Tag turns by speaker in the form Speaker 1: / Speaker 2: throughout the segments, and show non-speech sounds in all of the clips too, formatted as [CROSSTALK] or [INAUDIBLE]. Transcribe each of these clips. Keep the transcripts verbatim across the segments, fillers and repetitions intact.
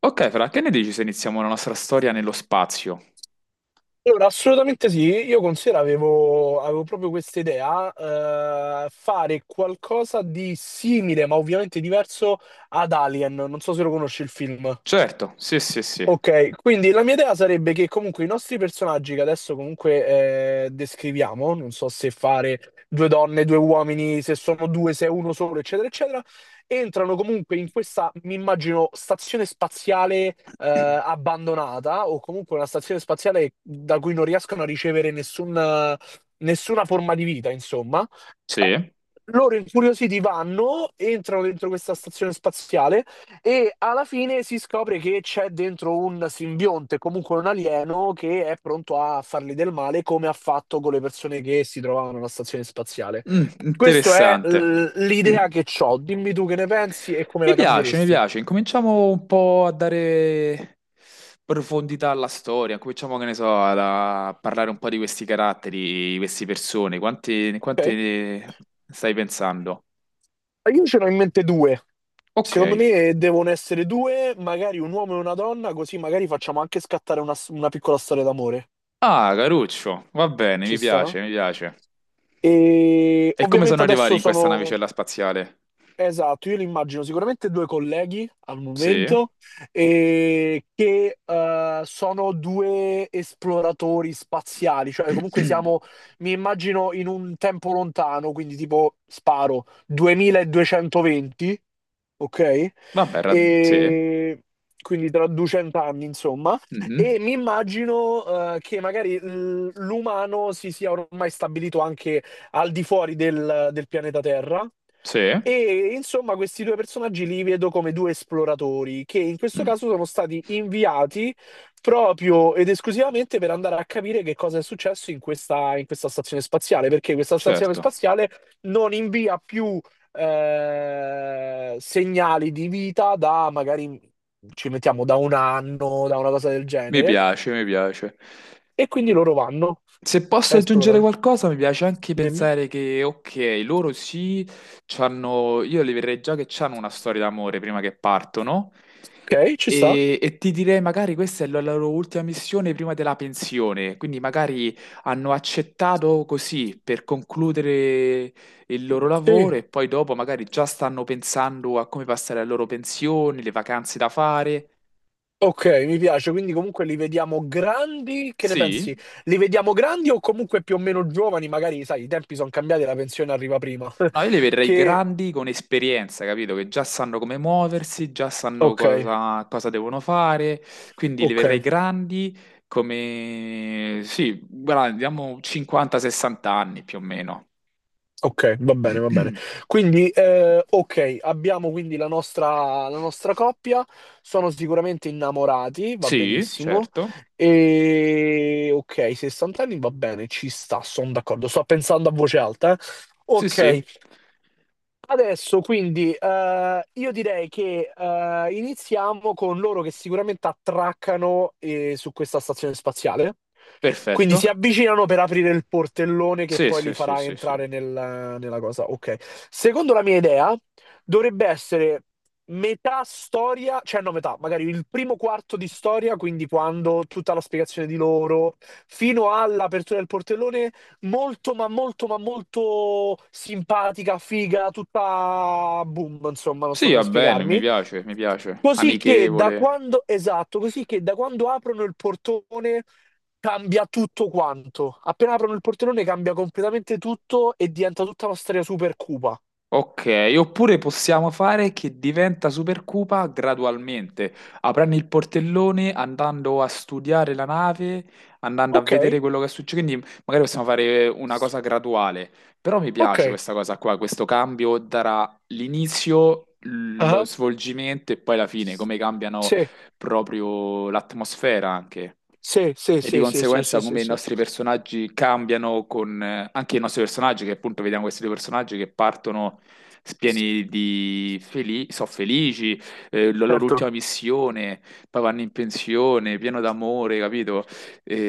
Speaker 1: Ok, Fra, che ne dici se iniziamo la nostra storia nello spazio?
Speaker 2: Allora, assolutamente sì, io considero avevo, avevo proprio questa idea, eh, fare qualcosa di simile, ma ovviamente diverso ad Alien. Non so se lo conosci il film.
Speaker 1: Certo, sì, sì, sì.
Speaker 2: Ok, quindi la mia idea sarebbe che comunque i nostri personaggi che adesso comunque eh, descriviamo, non so se fare due donne, due uomini, se sono due, se è uno solo, eccetera, eccetera, entrano comunque in questa, mi immagino, stazione spaziale eh, abbandonata o comunque una stazione spaziale da cui non riescono a ricevere nessun- nessuna forma di vita, insomma,
Speaker 1: Sì?
Speaker 2: loro incuriositi vanno, entrano dentro questa stazione spaziale e alla fine si scopre che c'è dentro un simbionte, comunque un alieno, che è pronto a fargli del male, come ha fatto con le persone che si trovavano alla stazione spaziale.
Speaker 1: Mm,
Speaker 2: Questa è
Speaker 1: interessante.
Speaker 2: l-
Speaker 1: [CLEARS THROAT]
Speaker 2: l'idea
Speaker 1: Mi
Speaker 2: che ho. Dimmi tu che ne pensi e come la
Speaker 1: piace, mi
Speaker 2: cambieresti.
Speaker 1: piace. Incominciamo un po' a dare profondità alla storia. Cominciamo, che ne so, a a parlare un po' di questi caratteri, di queste persone. Quante, quante
Speaker 2: Ok?
Speaker 1: ne stai pensando?
Speaker 2: Io ce ne ho in mente due.
Speaker 1: Ok.
Speaker 2: Secondo me eh, devono essere due, magari un uomo e una donna, così magari facciamo anche scattare una, una piccola storia d'amore.
Speaker 1: Ah, Caruccio, va bene,
Speaker 2: Ci
Speaker 1: mi
Speaker 2: sta?
Speaker 1: piace, mi piace.
Speaker 2: E
Speaker 1: E come sono
Speaker 2: ovviamente
Speaker 1: arrivati
Speaker 2: adesso
Speaker 1: in questa
Speaker 2: sono,
Speaker 1: navicella spaziale?
Speaker 2: esatto, io li immagino sicuramente due colleghi al
Speaker 1: Sì.
Speaker 2: momento, e che eh, sono due esploratori spaziali, cioè comunque siamo,
Speaker 1: [CLEARS THROAT]
Speaker 2: mi immagino in un tempo lontano, quindi tipo sparo duemiladuecentoventi, ok?
Speaker 1: Vabbè, rad- sì.
Speaker 2: E quindi tra duecento anni, insomma.
Speaker 1: Mhm.
Speaker 2: E mi immagino eh, che magari l- l'umano si sia ormai stabilito anche al di fuori del, del pianeta Terra.
Speaker 1: Sì.
Speaker 2: E insomma, questi due personaggi li vedo come due esploratori che in questo
Speaker 1: Mm.
Speaker 2: caso sono stati inviati proprio ed esclusivamente per andare a capire che cosa è successo in questa, in questa stazione spaziale, perché questa stazione
Speaker 1: Certo,
Speaker 2: spaziale non invia più eh, segnali di vita da, magari ci mettiamo, da un anno, da una cosa del
Speaker 1: mi
Speaker 2: genere,
Speaker 1: piace, mi piace.
Speaker 2: e quindi loro vanno
Speaker 1: Se posso
Speaker 2: a
Speaker 1: aggiungere
Speaker 2: esplorare.
Speaker 1: qualcosa, mi piace anche
Speaker 2: Dimmi.
Speaker 1: pensare che, ok, loro sì, c'hanno, io li vedrei già che hanno una storia d'amore prima che partono.
Speaker 2: Ok, ci sta.
Speaker 1: E, e ti direi magari questa è la loro ultima missione prima della pensione, quindi magari hanno accettato così per concludere il loro
Speaker 2: Sì,
Speaker 1: lavoro e poi dopo magari già stanno pensando a come passare la loro pensione, le vacanze da fare.
Speaker 2: ok, mi piace. Quindi comunque li vediamo grandi, che ne
Speaker 1: Sì,
Speaker 2: pensi? Li vediamo grandi o comunque più o meno giovani? Magari, sai, i tempi sono cambiati, e la pensione arriva prima.
Speaker 1: no, io li
Speaker 2: [LAUGHS]
Speaker 1: vedrei
Speaker 2: Che...
Speaker 1: grandi con esperienza, capito? Che già sanno come muoversi, già sanno
Speaker 2: Ok,
Speaker 1: cosa, cosa devono fare, quindi li
Speaker 2: ok,
Speaker 1: vedrei grandi come, sì, guarda, diamo cinquanta a sessanta anni più o meno.
Speaker 2: ok, va bene, va bene. Quindi, eh, ok, abbiamo quindi la nostra, la nostra coppia, sono sicuramente innamorati, va
Speaker 1: Sì,
Speaker 2: benissimo.
Speaker 1: certo.
Speaker 2: E ok, sessanta anni va bene, ci sta, sono d'accordo. Sto pensando a voce alta, eh.
Speaker 1: Sì,
Speaker 2: Ok,
Speaker 1: sì.
Speaker 2: adesso quindi eh, io direi che eh, iniziamo con loro che sicuramente attraccano eh, su questa stazione spaziale. Quindi si
Speaker 1: Perfetto.
Speaker 2: avvicinano per aprire il portellone che
Speaker 1: Sì,
Speaker 2: poi li
Speaker 1: sì, sì,
Speaker 2: farà
Speaker 1: sì, sì.
Speaker 2: entrare nel- nella cosa. Ok. Secondo la mia idea, dovrebbe essere metà storia, cioè no, metà, magari il primo quarto di storia, quindi quando tutta la spiegazione di loro, fino all'apertura del portellone, molto ma molto ma molto simpatica, figa, tutta boom, insomma, non so
Speaker 1: Sì,
Speaker 2: come
Speaker 1: va bene, mi
Speaker 2: spiegarmi.
Speaker 1: piace, mi piace.
Speaker 2: Così che da
Speaker 1: Amichevole.
Speaker 2: quando, esatto, così che da quando aprono il portone. Cambia tutto quanto. Appena aprono il portellone cambia completamente tutto e diventa tutta una storia super cupa.
Speaker 1: Ok, oppure possiamo fare che diventa Supercupa gradualmente, aprendo il portellone, andando a studiare la nave, andando a
Speaker 2: Ok,
Speaker 1: vedere quello che succede, quindi magari possiamo fare una cosa graduale, però mi
Speaker 2: ok.
Speaker 1: piace questa cosa qua, questo cambio darà l'inizio, lo
Speaker 2: Ah,
Speaker 1: svolgimento e poi la fine, come cambiano
Speaker 2: sì,
Speaker 1: proprio l'atmosfera anche.
Speaker 2: sì, sì,
Speaker 1: E di
Speaker 2: sì, sì, sì,
Speaker 1: conseguenza
Speaker 2: sì, sì,
Speaker 1: come i
Speaker 2: sì.
Speaker 1: nostri personaggi cambiano con eh, anche i nostri personaggi, che appunto vediamo questi due personaggi che partono pieni di felici, sono felici, eh, la loro
Speaker 2: Certo,
Speaker 1: ultima missione, poi vanno in pensione, pieno d'amore, capito?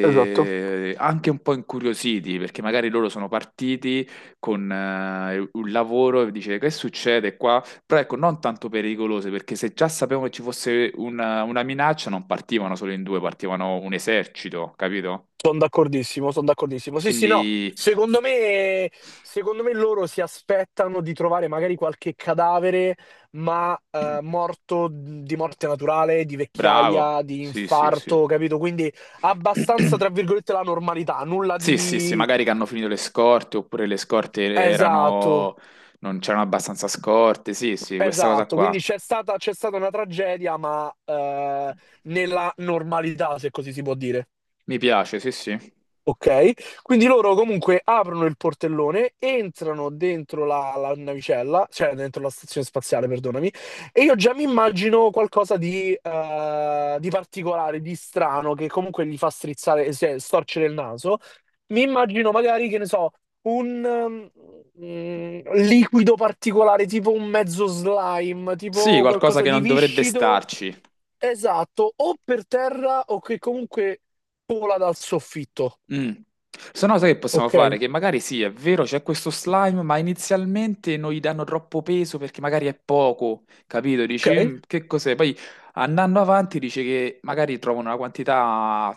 Speaker 2: esatto.
Speaker 1: Anche un po' incuriositi, perché magari loro sono partiti con eh, un lavoro e dice che succede qua? Però ecco, non tanto pericolose, perché se già sapevano che ci fosse una, una minaccia, non partivano solo in due, partivano un esercito, capito?
Speaker 2: Sono d'accordissimo, sono d'accordissimo. Sì, sì, no.
Speaker 1: Quindi,
Speaker 2: Secondo me, secondo me loro si aspettano di trovare magari qualche cadavere, ma eh,
Speaker 1: [CLEARS THROAT]
Speaker 2: morto di morte naturale, di
Speaker 1: bravo,
Speaker 2: vecchiaia, di
Speaker 1: sì, sì, sì.
Speaker 2: infarto, capito? Quindi abbastanza, tra virgolette, la normalità, nulla
Speaker 1: Sì, sì, sì,
Speaker 2: di
Speaker 1: magari che hanno finito le scorte oppure le scorte
Speaker 2: esatto,
Speaker 1: erano... non c'erano abbastanza scorte. Sì, sì, questa cosa
Speaker 2: esatto. Quindi
Speaker 1: qua.
Speaker 2: c'è stata, c'è stata una tragedia, ma eh, nella normalità, se così si può dire.
Speaker 1: Mi piace, sì, sì.
Speaker 2: Ok, quindi loro comunque aprono il portellone, entrano dentro la, la navicella, cioè dentro la stazione spaziale, perdonami, e io già mi immagino qualcosa di, eh, di particolare, di strano, che comunque gli fa strizzare, cioè, storcere il naso. Mi immagino magari, che ne so, un mm, mm, liquido particolare, tipo un mezzo slime,
Speaker 1: Sì,
Speaker 2: tipo
Speaker 1: qualcosa
Speaker 2: qualcosa
Speaker 1: che
Speaker 2: di
Speaker 1: non dovrebbe
Speaker 2: viscido,
Speaker 1: starci.
Speaker 2: esatto, o per terra o che comunque vola dal soffitto.
Speaker 1: Mm. Se no, sai che possiamo
Speaker 2: Ok,
Speaker 1: fare? Che magari sì, è vero, c'è questo slime, ma inizialmente non gli danno troppo peso perché magari è poco, capito? Dici,
Speaker 2: ok,
Speaker 1: "Mm, che cos'è? Poi andando avanti dice che magari trovano una quantità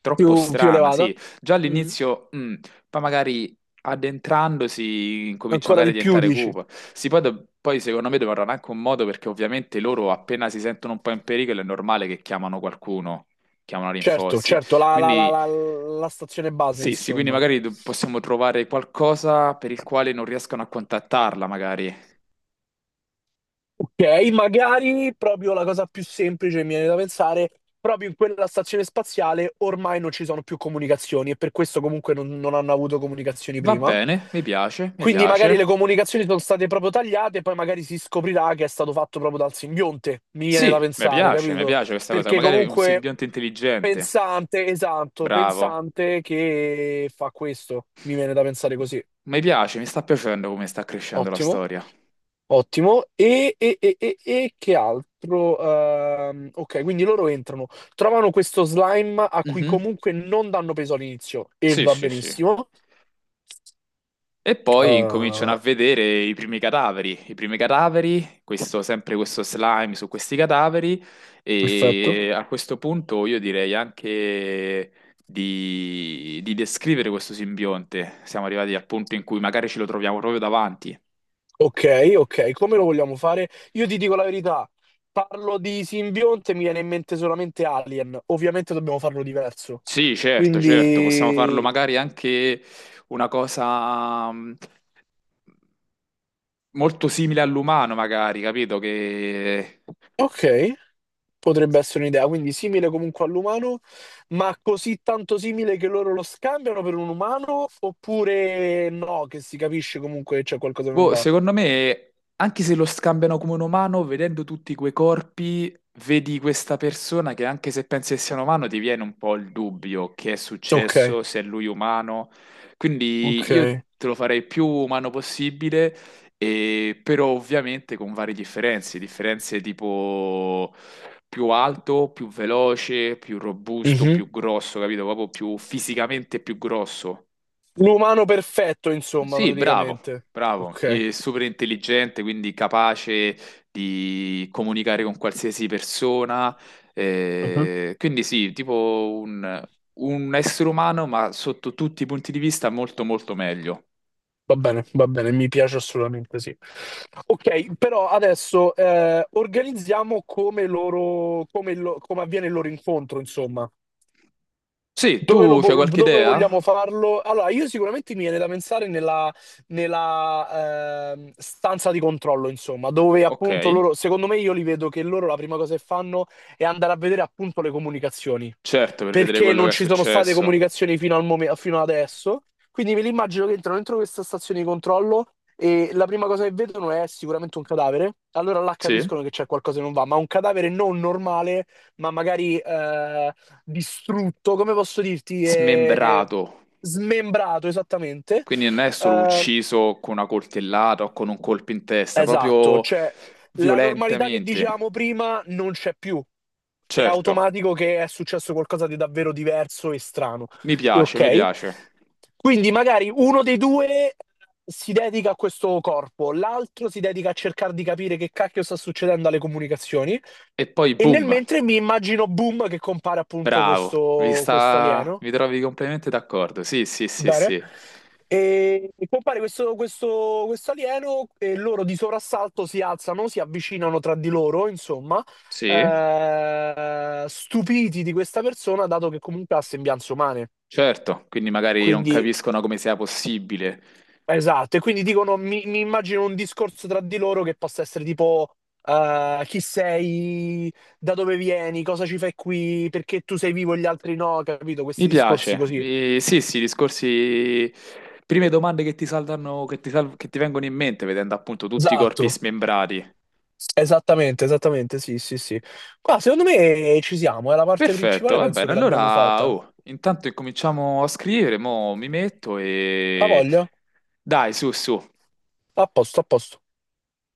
Speaker 1: troppo
Speaker 2: più, più
Speaker 1: strana,
Speaker 2: elevata.
Speaker 1: sì. Già
Speaker 2: Mhm.
Speaker 1: all'inizio, mm, poi magari addentrandosi cominciano
Speaker 2: Ancora
Speaker 1: magari a
Speaker 2: di più,
Speaker 1: diventare
Speaker 2: dici.
Speaker 1: cupo. Sì, poi, do- poi secondo me dovranno anche un modo perché ovviamente loro appena si sentono un po' in pericolo è normale che chiamano qualcuno, chiamano
Speaker 2: Certo,
Speaker 1: rinforzi.
Speaker 2: certo, la, la- la-
Speaker 1: Quindi
Speaker 2: la- la stazione base,
Speaker 1: sì, sì, quindi
Speaker 2: insomma.
Speaker 1: magari do- possiamo trovare qualcosa per il quale non riescano a contattarla, magari.
Speaker 2: Ok, magari proprio la cosa più semplice mi viene da pensare, proprio in quella stazione spaziale ormai non ci sono più comunicazioni e per questo comunque non, non hanno avuto comunicazioni
Speaker 1: Va
Speaker 2: prima.
Speaker 1: bene, mi piace, mi
Speaker 2: Quindi magari le
Speaker 1: piace.
Speaker 2: comunicazioni sono state proprio tagliate e poi magari si scoprirà che è stato fatto proprio dal simbionte, mi viene da
Speaker 1: Sì, mi
Speaker 2: pensare,
Speaker 1: piace, mi
Speaker 2: capito?
Speaker 1: piace questa cosa.
Speaker 2: Perché
Speaker 1: Magari un
Speaker 2: comunque
Speaker 1: simbionte intelligente.
Speaker 2: Pensante, esatto,
Speaker 1: Bravo.
Speaker 2: pensante che fa questo. Mi viene da pensare così.
Speaker 1: Mi piace, mi sta piacendo come sta crescendo la
Speaker 2: Ottimo,
Speaker 1: storia.
Speaker 2: ottimo. E, e- e- e- e che altro? Ehm, ok, quindi loro entrano, trovano questo slime a cui
Speaker 1: Mhm.
Speaker 2: comunque non danno peso all'inizio e
Speaker 1: Sì,
Speaker 2: va
Speaker 1: sì, sì.
Speaker 2: benissimo.
Speaker 1: E poi incominciano a
Speaker 2: Eh,
Speaker 1: vedere i primi cadaveri, i primi cadaveri, questo- sempre questo slime su questi cadaveri
Speaker 2: perfetto.
Speaker 1: e a questo punto io direi anche di, di descrivere questo simbionte. Siamo arrivati al punto in cui magari ce lo troviamo proprio davanti.
Speaker 2: Ok, ok, come lo vogliamo fare? Io ti dico la verità. Parlo di simbionte, mi viene in mente solamente Alien. Ovviamente dobbiamo farlo diverso.
Speaker 1: Sì, certo, certo, possiamo farlo
Speaker 2: Quindi,
Speaker 1: magari anche una cosa mh, molto simile all'umano, magari, capito? Che
Speaker 2: ok. Potrebbe essere un'idea, quindi simile comunque all'umano, ma così tanto simile che loro lo scambiano per un umano, oppure no, che si capisce comunque che c'è qualcosa che non
Speaker 1: boh,
Speaker 2: va.
Speaker 1: secondo me, anche se lo scambiano come un umano, vedendo tutti quei corpi, vedi questa persona che anche se pensi che sia un umano, ti viene un po' il dubbio che è
Speaker 2: Ok,
Speaker 1: successo, se è lui umano. Quindi io
Speaker 2: ok.
Speaker 1: te lo farei più umano possibile, e- però ovviamente con varie differenze, differenze tipo più alto, più veloce, più robusto,
Speaker 2: Mhm.
Speaker 1: più grosso, capito? Proprio più fisicamente più grosso.
Speaker 2: L'umano perfetto, insomma,
Speaker 1: Sì, bravo,
Speaker 2: praticamente.
Speaker 1: bravo,
Speaker 2: Ok.
Speaker 1: e super intelligente, quindi capace di comunicare con qualsiasi persona.
Speaker 2: Mhm.
Speaker 1: Eh, quindi sì, tipo un, un essere umano, ma sotto tutti i punti di vista molto molto meglio.
Speaker 2: Va bene, va bene, mi piace assolutamente, sì. Ok, però adesso eh, organizziamo come loro, come, lo- come avviene il loro incontro, insomma.
Speaker 1: Sì,
Speaker 2: Dove, lo
Speaker 1: tu c'hai
Speaker 2: vo-
Speaker 1: qualche
Speaker 2: dove
Speaker 1: idea?
Speaker 2: vogliamo farlo? Allora, io sicuramente mi viene da pensare nella, nella, ehm, stanza di controllo, insomma, dove
Speaker 1: Ok,
Speaker 2: appunto loro, secondo me io li vedo che loro la prima cosa che fanno è andare a vedere appunto le comunicazioni,
Speaker 1: certo, per vedere
Speaker 2: perché
Speaker 1: quello che
Speaker 2: non
Speaker 1: è
Speaker 2: ci sono state
Speaker 1: successo.
Speaker 2: comunicazioni fino al momen- fino adesso, quindi me li immagino che entrano dentro questa stazione di controllo e la prima cosa che vedono è sicuramente un cadavere, allora là
Speaker 1: Sì,
Speaker 2: capiscono che c'è qualcosa che non va, ma un cadavere non normale, ma magari, eh, distrutto, come posso dirti, eh,
Speaker 1: smembrato,
Speaker 2: smembrato esattamente.
Speaker 1: quindi non è solo
Speaker 2: Eh,
Speaker 1: ucciso con una coltellata o con un colpo in testa,
Speaker 2: esatto,
Speaker 1: proprio
Speaker 2: cioè la normalità che
Speaker 1: violentemente.
Speaker 2: dicevamo prima non c'è più. È
Speaker 1: Certo.
Speaker 2: automatico che è successo qualcosa di davvero diverso e strano.
Speaker 1: Mi
Speaker 2: E
Speaker 1: piace, mi
Speaker 2: ok?
Speaker 1: piace.
Speaker 2: Quindi magari uno dei due si dedica a questo corpo, l'altro si dedica a cercare di capire che cacchio sta succedendo alle comunicazioni.
Speaker 1: E poi
Speaker 2: E nel
Speaker 1: boom,
Speaker 2: mentre mi immagino, boom, che compare appunto
Speaker 1: bravo, vi
Speaker 2: questo, questo
Speaker 1: sta...
Speaker 2: alieno.
Speaker 1: vi trovi completamente d'accordo. Sì, sì, sì,
Speaker 2: Bene.
Speaker 1: sì.
Speaker 2: E compare questo, questo, questo alieno e loro di soprassalto si alzano, si avvicinano tra di loro, insomma,
Speaker 1: Sì,
Speaker 2: eh, stupiti di questa persona, dato che comunque ha sembianze umane.
Speaker 1: certo, quindi magari non
Speaker 2: Quindi,
Speaker 1: capiscono come sia possibile.
Speaker 2: esatto, e quindi dicono, mi, mi immagino un discorso tra di loro che possa essere tipo, eh, chi sei, da dove vieni, cosa ci fai qui, perché tu sei vivo e gli altri no, capito?
Speaker 1: Mi
Speaker 2: Questi discorsi
Speaker 1: piace.
Speaker 2: così.
Speaker 1: Mi- Sì, sì, discorsi... Prime domande che ti saltano, che ti, sal- che ti vengono in mente vedendo appunto tutti i corpi
Speaker 2: Esatto.
Speaker 1: smembrati.
Speaker 2: Esattamente, esattamente, sì, sì, sì. Qua secondo me eh, ci siamo, è la parte
Speaker 1: Perfetto,
Speaker 2: principale,
Speaker 1: va
Speaker 2: penso
Speaker 1: bene.
Speaker 2: che l'abbiamo
Speaker 1: Allora,
Speaker 2: fatta.
Speaker 1: oh, intanto incominciamo a scrivere, mo mi metto
Speaker 2: La
Speaker 1: e...
Speaker 2: voglio?
Speaker 1: Dai, su, su.
Speaker 2: A posto, a posto.